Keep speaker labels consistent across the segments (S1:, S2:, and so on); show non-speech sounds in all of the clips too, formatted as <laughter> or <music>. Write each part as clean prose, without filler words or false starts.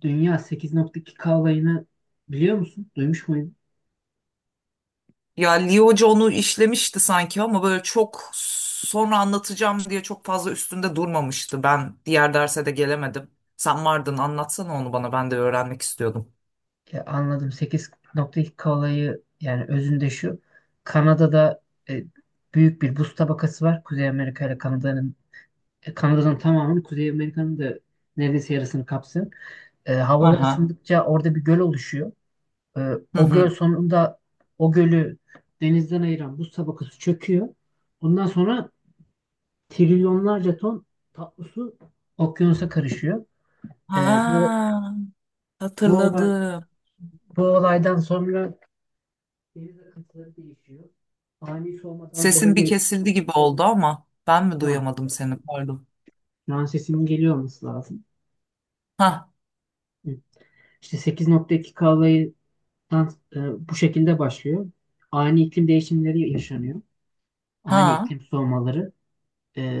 S1: Dünya 8.2K olayını biliyor musun? Duymuş muydun?
S2: Ya Lee Hoca onu işlemişti sanki ama böyle çok sonra anlatacağım diye çok fazla üstünde durmamıştı. Ben diğer derse de gelemedim. Sen vardın anlatsana onu bana ben de öğrenmek istiyordum.
S1: Anladım. 8.2K olayı yani özünde şu. Kanada'da e, büyük bir buz tabakası var. Kuzey Amerika ile Kanada'nın, Kanada'nın tamamını, Kuzey Amerika'nın da neredeyse yarısını kapsıyor.
S2: Hı
S1: Havalar
S2: hı.
S1: ısındıkça orada bir göl oluşuyor.
S2: Hı
S1: O göl
S2: hı.
S1: sonunda, o gölü denizden ayıran buz tabakası çöküyor. Ondan sonra trilyonlarca ton tatlı su okyanusa karışıyor. E, bu
S2: Ha,
S1: Bu olay,
S2: hatırladım.
S1: bu olaydan sonra deniz akıntıları değişiyor. Ani soğumadan
S2: Sesin bir
S1: dolayı.
S2: kesildi gibi oldu ama ben mi
S1: ha,
S2: duyamadım seni pardon.
S1: Şu an sesimin geliyor olması lazım.
S2: Ha
S1: Hı. İşte 8.2 kalaydan bu şekilde başlıyor. Ani iklim değişimleri yaşanıyor. Ani
S2: ha.
S1: iklim soğumaları.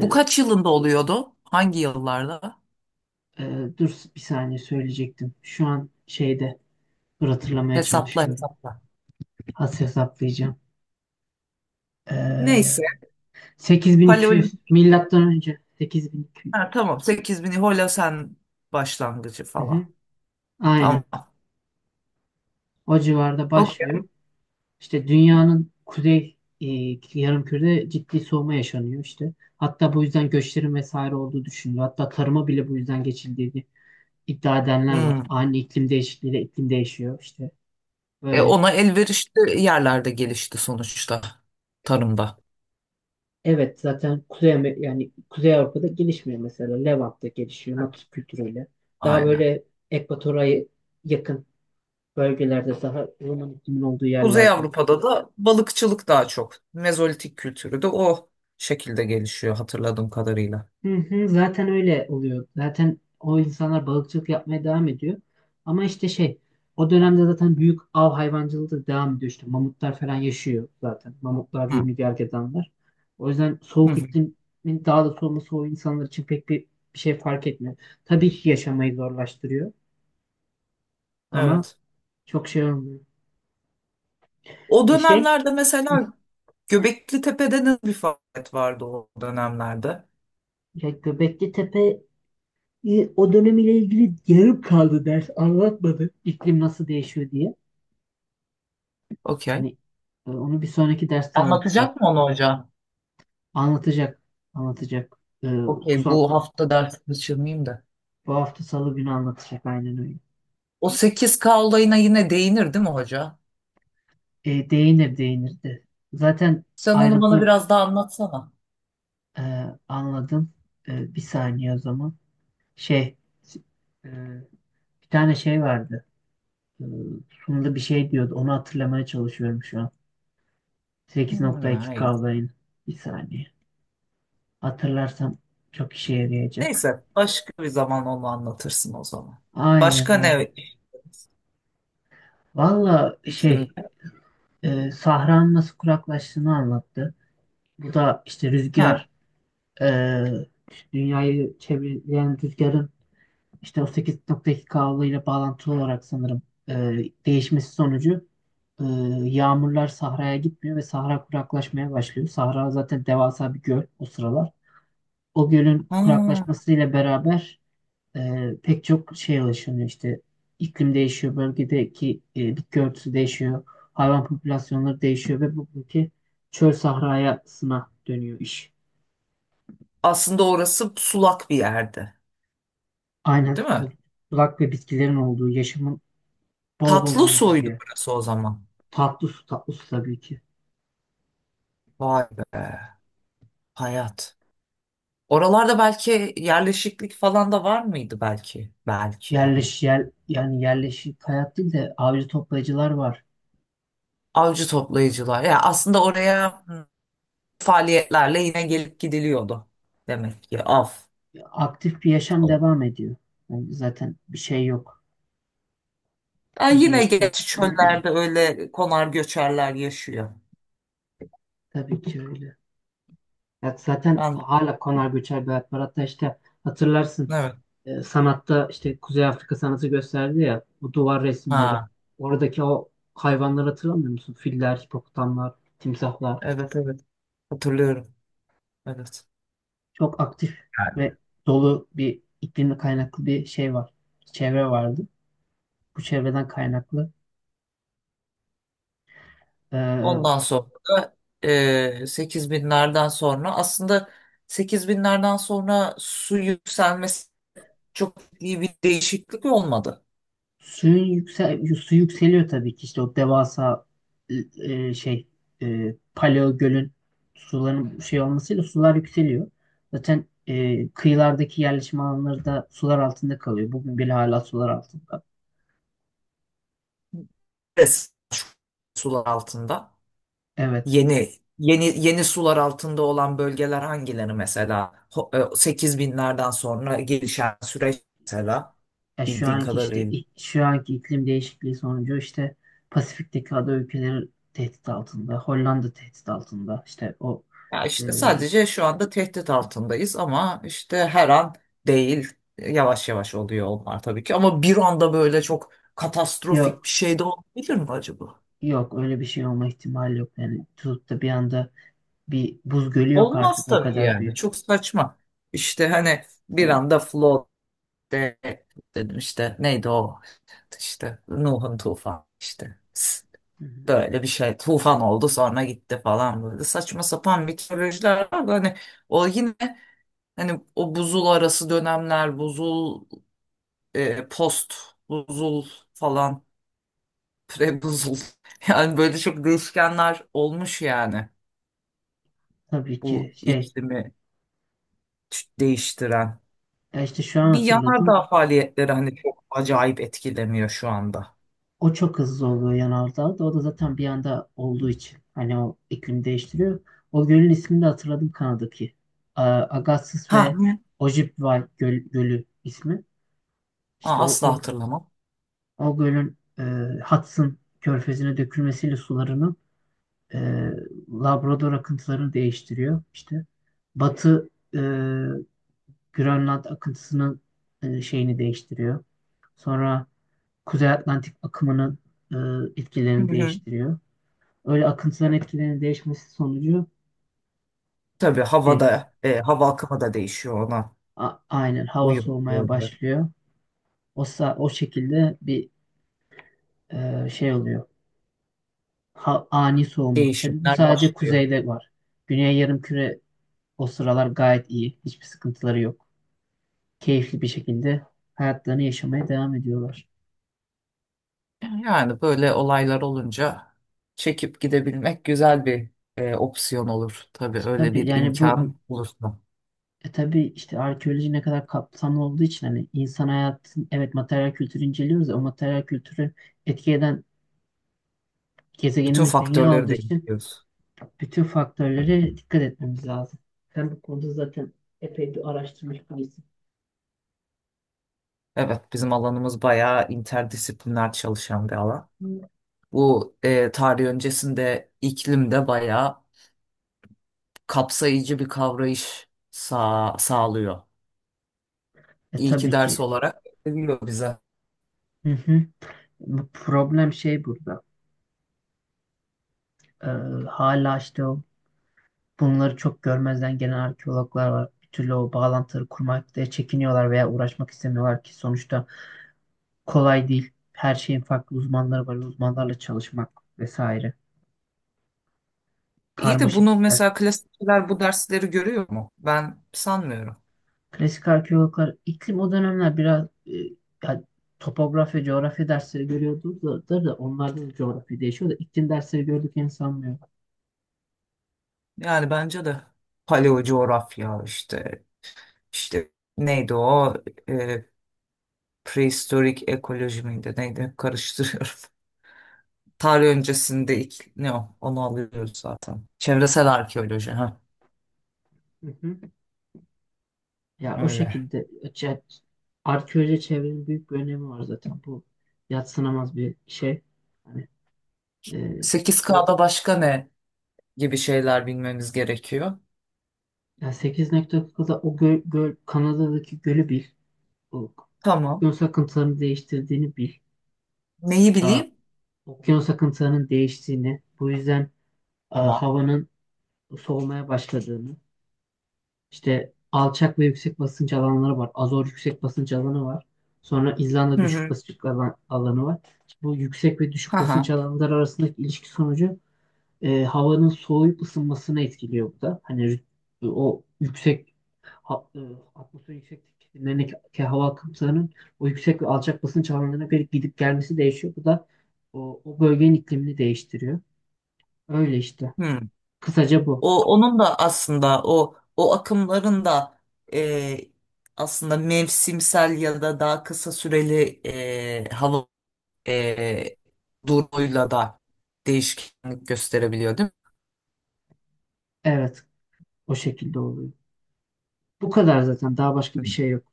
S2: Bu kaç yılında oluyordu? Hangi yıllarda?
S1: e, Dur bir saniye, söyleyecektim. Şu an şeyde, dur, hatırlamaya
S2: Hesapla
S1: çalışıyorum.
S2: hesapla.
S1: Az hesaplayacağım. E,
S2: Neyse.
S1: 8200,
S2: Paleolitik.
S1: milattan önce 8200.
S2: Ha, tamam 8000 Hola sen başlangıcı
S1: Hı hı.
S2: falan.
S1: Aynen.
S2: Tamam.
S1: O civarda
S2: Okey.
S1: başlıyor. İşte dünyanın kuzey, yarımkürede ciddi soğuma yaşanıyor işte. Hatta bu yüzden göçlerin vesaire olduğu düşünülüyor. Hatta tarıma bile bu yüzden geçildiğini iddia edenler var.
S2: Hmm.
S1: Ani iklim değişikliğiyle iklim değişiyor işte
S2: E,
S1: böyle.
S2: ona elverişli yerlerde gelişti sonuçta tarımda.
S1: Evet, zaten yani Kuzey Avrupa'da gelişmiyor mesela. Levant'ta gelişiyor,
S2: Evet.
S1: Natus kültürüyle. Daha
S2: Aynen.
S1: böyle ekvatora yakın bölgelerde, daha Roman iklimin olduğu
S2: Kuzey
S1: yerlerde.
S2: Avrupa'da da balıkçılık daha çok. Mezolitik kültürü de o şekilde gelişiyor hatırladığım kadarıyla.
S1: Hı hı, zaten öyle oluyor. Zaten o insanlar balıkçılık yapmaya devam ediyor. Ama işte şey, o dönemde zaten büyük av hayvancılığı da devam ediyor. İşte mamutlar falan yaşıyor zaten. Mamutlar,
S2: Hı.
S1: yünlü gergedanlar. O yüzden
S2: Hı
S1: soğuk
S2: hı.
S1: iklimin daha da soğuması o insanlar için bir şey fark etmiyor. Tabii ki yaşamayı zorlaştırıyor ama
S2: Evet.
S1: çok şey olmuyor.
S2: O
S1: E şey,
S2: dönemlerde
S1: <laughs> hı,
S2: mesela Göbekli Tepe'de ne bir faaliyet vardı o dönemlerde?
S1: ya, Göbekli Tepe, o dönemiyle ilgili yarım kaldı, ders anlatmadı. İklim nasıl değişiyor diye.
S2: Okey.
S1: Hani onu bir sonraki derste anlatacak.
S2: Anlatacak mı onu hocam?
S1: Anlatacak. Anlatacak. E, bu,
S2: Okey,
S1: son,
S2: bu hafta ders kaçırmayayım da.
S1: bu hafta Salı günü anlatacak, aynen öyle.
S2: O sekiz k olayına yine değinir değil mi hoca?
S1: Değinir, değinir de. Zaten
S2: Sen onu bana
S1: ayrıntılı.
S2: biraz daha anlatsana.
S1: e, Anladım. Bir saniye o zaman. Şey e, Bir tane şey vardı. E, Sunumda bir şey diyordu. Onu hatırlamaya çalışıyorum şu an.
S2: Hmm,
S1: 8.2
S2: hayır.
S1: kavrayın. Bir saniye. Hatırlarsam çok işe yarayacak.
S2: Neyse başka bir zaman onu anlatırsın o zaman.
S1: Aynen,
S2: Başka ne
S1: aynen. Valla şey
S2: iklimde?
S1: Sahranın nasıl kuraklaştığını anlattı. Bu da işte
S2: Ha.
S1: rüzgar, e, dünyayı çevreleyen rüzgarın, işte o 8.2 kavga ile bağlantılı olarak sanırım, e, değişmesi sonucu e, yağmurlar sahraya gitmiyor ve sahra kuraklaşmaya başlıyor. Sahra zaten devasa bir göl o sıralar. O gölün
S2: hmm,
S1: kuraklaşmasıyla beraber, e, pek çok şeye ulaşılıyor işte. İklim değişiyor, bölgedeki bitki örtüsü değişiyor, hayvan popülasyonları değişiyor ve bugünkü çöl sahrayasına dönüyor iş.
S2: Aslında orası sulak bir yerdi,
S1: Aynen,
S2: değil
S1: o
S2: mi?
S1: bulak ve bitkilerin olduğu, yaşamın bol bol
S2: Tatlı
S1: olduğu bir
S2: suydu
S1: yer.
S2: orası o zaman.
S1: Tatlı su, tatlı su tabii ki.
S2: Vay be, hayat. Oralarda belki yerleşiklik falan da var mıydı belki? Belki yani.
S1: Yani yerleşik hayat değil de avcı toplayıcılar var.
S2: Avcı toplayıcılar. Ya aslında oraya faaliyetlerle yine gelip gidiliyordu. Demek ki av
S1: Aktif bir yaşam
S2: falan.
S1: devam ediyor. Yani zaten bir şey yok.
S2: Ya
S1: Bir
S2: yine
S1: değişken.
S2: geç
S1: <clears throat>
S2: çöllerde öyle konar göçerler yaşıyor.
S1: Tabii ki öyle. Ya zaten
S2: Ben,
S1: hala konar göçer bir hayat var. Hatta işte hatırlarsın,
S2: evet.
S1: sanatta işte Kuzey Afrika sanatı gösterdi ya, bu duvar resimleri.
S2: Ha,
S1: Oradaki o hayvanları hatırlamıyor musun? Filler, hipopotamlar, timsahlar.
S2: evet evet. Hatırlıyorum. Evet.
S1: Çok aktif
S2: Yani,
S1: ve dolu bir iklimle kaynaklı bir şey var. Çevre vardı. Bu çevreden kaynaklı e,
S2: ondan sonra da 8 binlerden sonra aslında 8 binlerden sonra su yükselmesi çok iyi bir değişiklik olmadı.
S1: Suyun yüksel Su yükseliyor tabii ki, işte o devasa, e, şey paleo gölün suların şey olmasıyla sular yükseliyor. Zaten kıyılardaki yerleşim alanları da sular altında kalıyor. Bugün bile hala sular altında.
S2: Res- Sular altında.
S1: Evet.
S2: Yeni yeni yeni sular altında olan bölgeler hangileri mesela? 8000'lerden sonra gelişen süreç mesela
S1: Ya şu
S2: bildiğin
S1: anki işte
S2: kadarıyla.
S1: şu anki iklim değişikliği sonucu, işte Pasifik'teki ada ülkeleri tehdit altında. Hollanda tehdit altında. İşte
S2: Ya
S1: e,
S2: işte sadece şu anda tehdit altındayız ama işte her an değil. Yavaş yavaş oluyor onlar tabii ki ama bir anda böyle çok katastrofik
S1: yok,
S2: bir şey de olabilir mi acaba?
S1: yok öyle bir şey olma ihtimali yok. Yani tutup da bir anda bir buz gölü yok,
S2: Olmaz
S1: artık o
S2: tabii
S1: kadar
S2: yani.
S1: büyük.
S2: Çok saçma. İşte hani bir
S1: Tabii,
S2: anda flood de dedim işte neydi o işte Nuh'un tufanı işte
S1: hı hı.
S2: böyle bir şey tufan oldu sonra gitti falan böyle saçma sapan mitolojiler var da hani o yine hani o buzul arası dönemler buzul post buzul falan pre buzul <laughs> yani böyle çok değişkenler olmuş yani
S1: Tabii ki
S2: bu
S1: şey
S2: iklimi değiştiren
S1: ya, işte şu an
S2: bir
S1: hatırladım.
S2: yanardağ faaliyetleri hani çok acayip etkilemiyor şu anda.
S1: O çok hızlı oluyor yanardağda. O da zaten bir anda olduğu için hani, o iklim değiştiriyor. O gölün ismini de hatırladım, Kanada'daki. Agassiz
S2: Ha.
S1: ve Ojibwa Gölü ismi.
S2: Aa,
S1: İşte
S2: asla hatırlamam.
S1: o gölün Hudson körfezine dökülmesiyle sularını, e, Labrador akıntılarını değiştiriyor. İşte batı, e, Grönland akıntısının şeyini değiştiriyor. Sonra Kuzey Atlantik akımının e,
S2: Hı
S1: etkilerini
S2: hı.
S1: değiştiriyor. Öyle akıntıların etkilerinin değişmesi sonucu,
S2: Tabii
S1: şey
S2: havada, hava akımı da değişiyor ona.
S1: aynen, hava
S2: Uyumlu
S1: soğumaya
S2: olarak
S1: başlıyor. O şekilde bir şey oluyor. Ani soğuma. Tabii bu
S2: değişimler
S1: sadece
S2: başlıyor.
S1: kuzeyde var. Güney yarımküre o sıralar gayet iyi. Hiçbir sıkıntıları yok. Keyifli bir şekilde hayatlarını yaşamaya devam ediyorlar.
S2: Yani böyle olaylar olunca çekip gidebilmek güzel bir opsiyon olur. Tabii öyle
S1: Tabii
S2: bir
S1: yani bu.
S2: imkan olursa.
S1: Tabii, işte arkeoloji ne kadar kapsamlı olduğu için, hani insan hayatın, evet, materyal kültürü inceliyoruz ya, o materyal kültürü etki eden
S2: Bütün
S1: gezegenimiz dünya
S2: faktörleri
S1: olduğu
S2: de
S1: için
S2: inceliyoruz.
S1: bütün faktörlere dikkat etmemiz lazım. Sen bu konuda zaten epey bir araştırmış birisin.
S2: Evet, bizim alanımız bayağı interdisipliner çalışan bir alan. Bu tarih öncesinde iklim de bayağı kapsayıcı bir kavrayış sağlıyor. İyi ki
S1: Tabii
S2: ders
S1: ki.
S2: olarak veriliyor bize.
S1: Hı hı. Bu problem şey burada. Ee, Hala işte o, bunları çok görmezden gelen arkeologlar var. Bir türlü o bağlantıları kurmakta çekiniyorlar veya uğraşmak istemiyorlar ki sonuçta kolay değil. Her şeyin farklı uzmanları var. Uzmanlarla çalışmak vesaire.
S2: İyi de
S1: Karmaşık
S2: bunu
S1: işler.
S2: mesela klasikçiler bu dersleri görüyor mu? Ben sanmıyorum.
S1: Klasik arkeologlar, iklim o dönemler biraz, ya, topografya, coğrafya dersleri görüyordu, da, onlarda da coğrafya değişiyor da iklim dersleri gördüklerini sanmıyorum.
S2: Yani bence de paleo coğrafya işte neydi o e, prehistorik ekoloji miydi, neydi? Hep karıştırıyorum. <laughs> Tarih öncesinde ilk, ne o onu alıyoruz zaten. Çevresel arkeoloji ha
S1: Hı hı. Ya o
S2: öyle.
S1: şekilde ce- Arkeoloji, çevrenin büyük bir önemi var zaten. Bu yadsınamaz bir şey. Hani e,
S2: Sekiz
S1: o,
S2: kda başka ne gibi şeyler bilmemiz gerekiyor.
S1: yani 8.9'da o göl, Kanada'daki gölü bil. O
S2: Tamam.
S1: okyanus akıntılarını değiştirdiğini bil.
S2: Neyi
S1: Aa,
S2: bileyim?
S1: okyanus akıntılarının değiştiğini, bu yüzden
S2: Tamam.
S1: havanın soğumaya başladığını, işte alçak ve yüksek basınç alanları var. Azor yüksek basınç alanı var. Sonra İzlanda
S2: Hı
S1: düşük
S2: hı.
S1: basınç alanı var. Bu yüksek ve düşük
S2: Ha ha.
S1: basınç alanları arasındaki ilişki sonucu, havanın soğuyup ısınmasını etkiliyor bu da. Hani o yüksek, ha- e, atmosfer yüksekliklerindeki hava akımlarının o yüksek ve alçak basınç havalarına göre gidip gelmesi değişiyor. Bu da o bölgenin iklimini değiştiriyor. Öyle işte.
S2: Hı.
S1: Kısaca bu.
S2: O onun da aslında o akımların da e, aslında mevsimsel ya da daha kısa süreli hava e, durumuyla da değişkenlik gösterebiliyor, değil
S1: Evet, o şekilde oluyor. Bu kadar zaten. Daha başka
S2: mi?
S1: bir
S2: Hı.
S1: şey yok.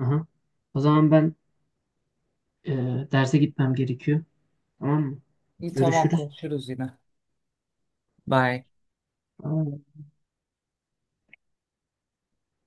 S1: Aha. O zaman ben e, derse gitmem gerekiyor. Tamam mı?
S2: İyi tamam
S1: Görüşürüz.
S2: konuşuruz yine. Bye.
S1: Aa.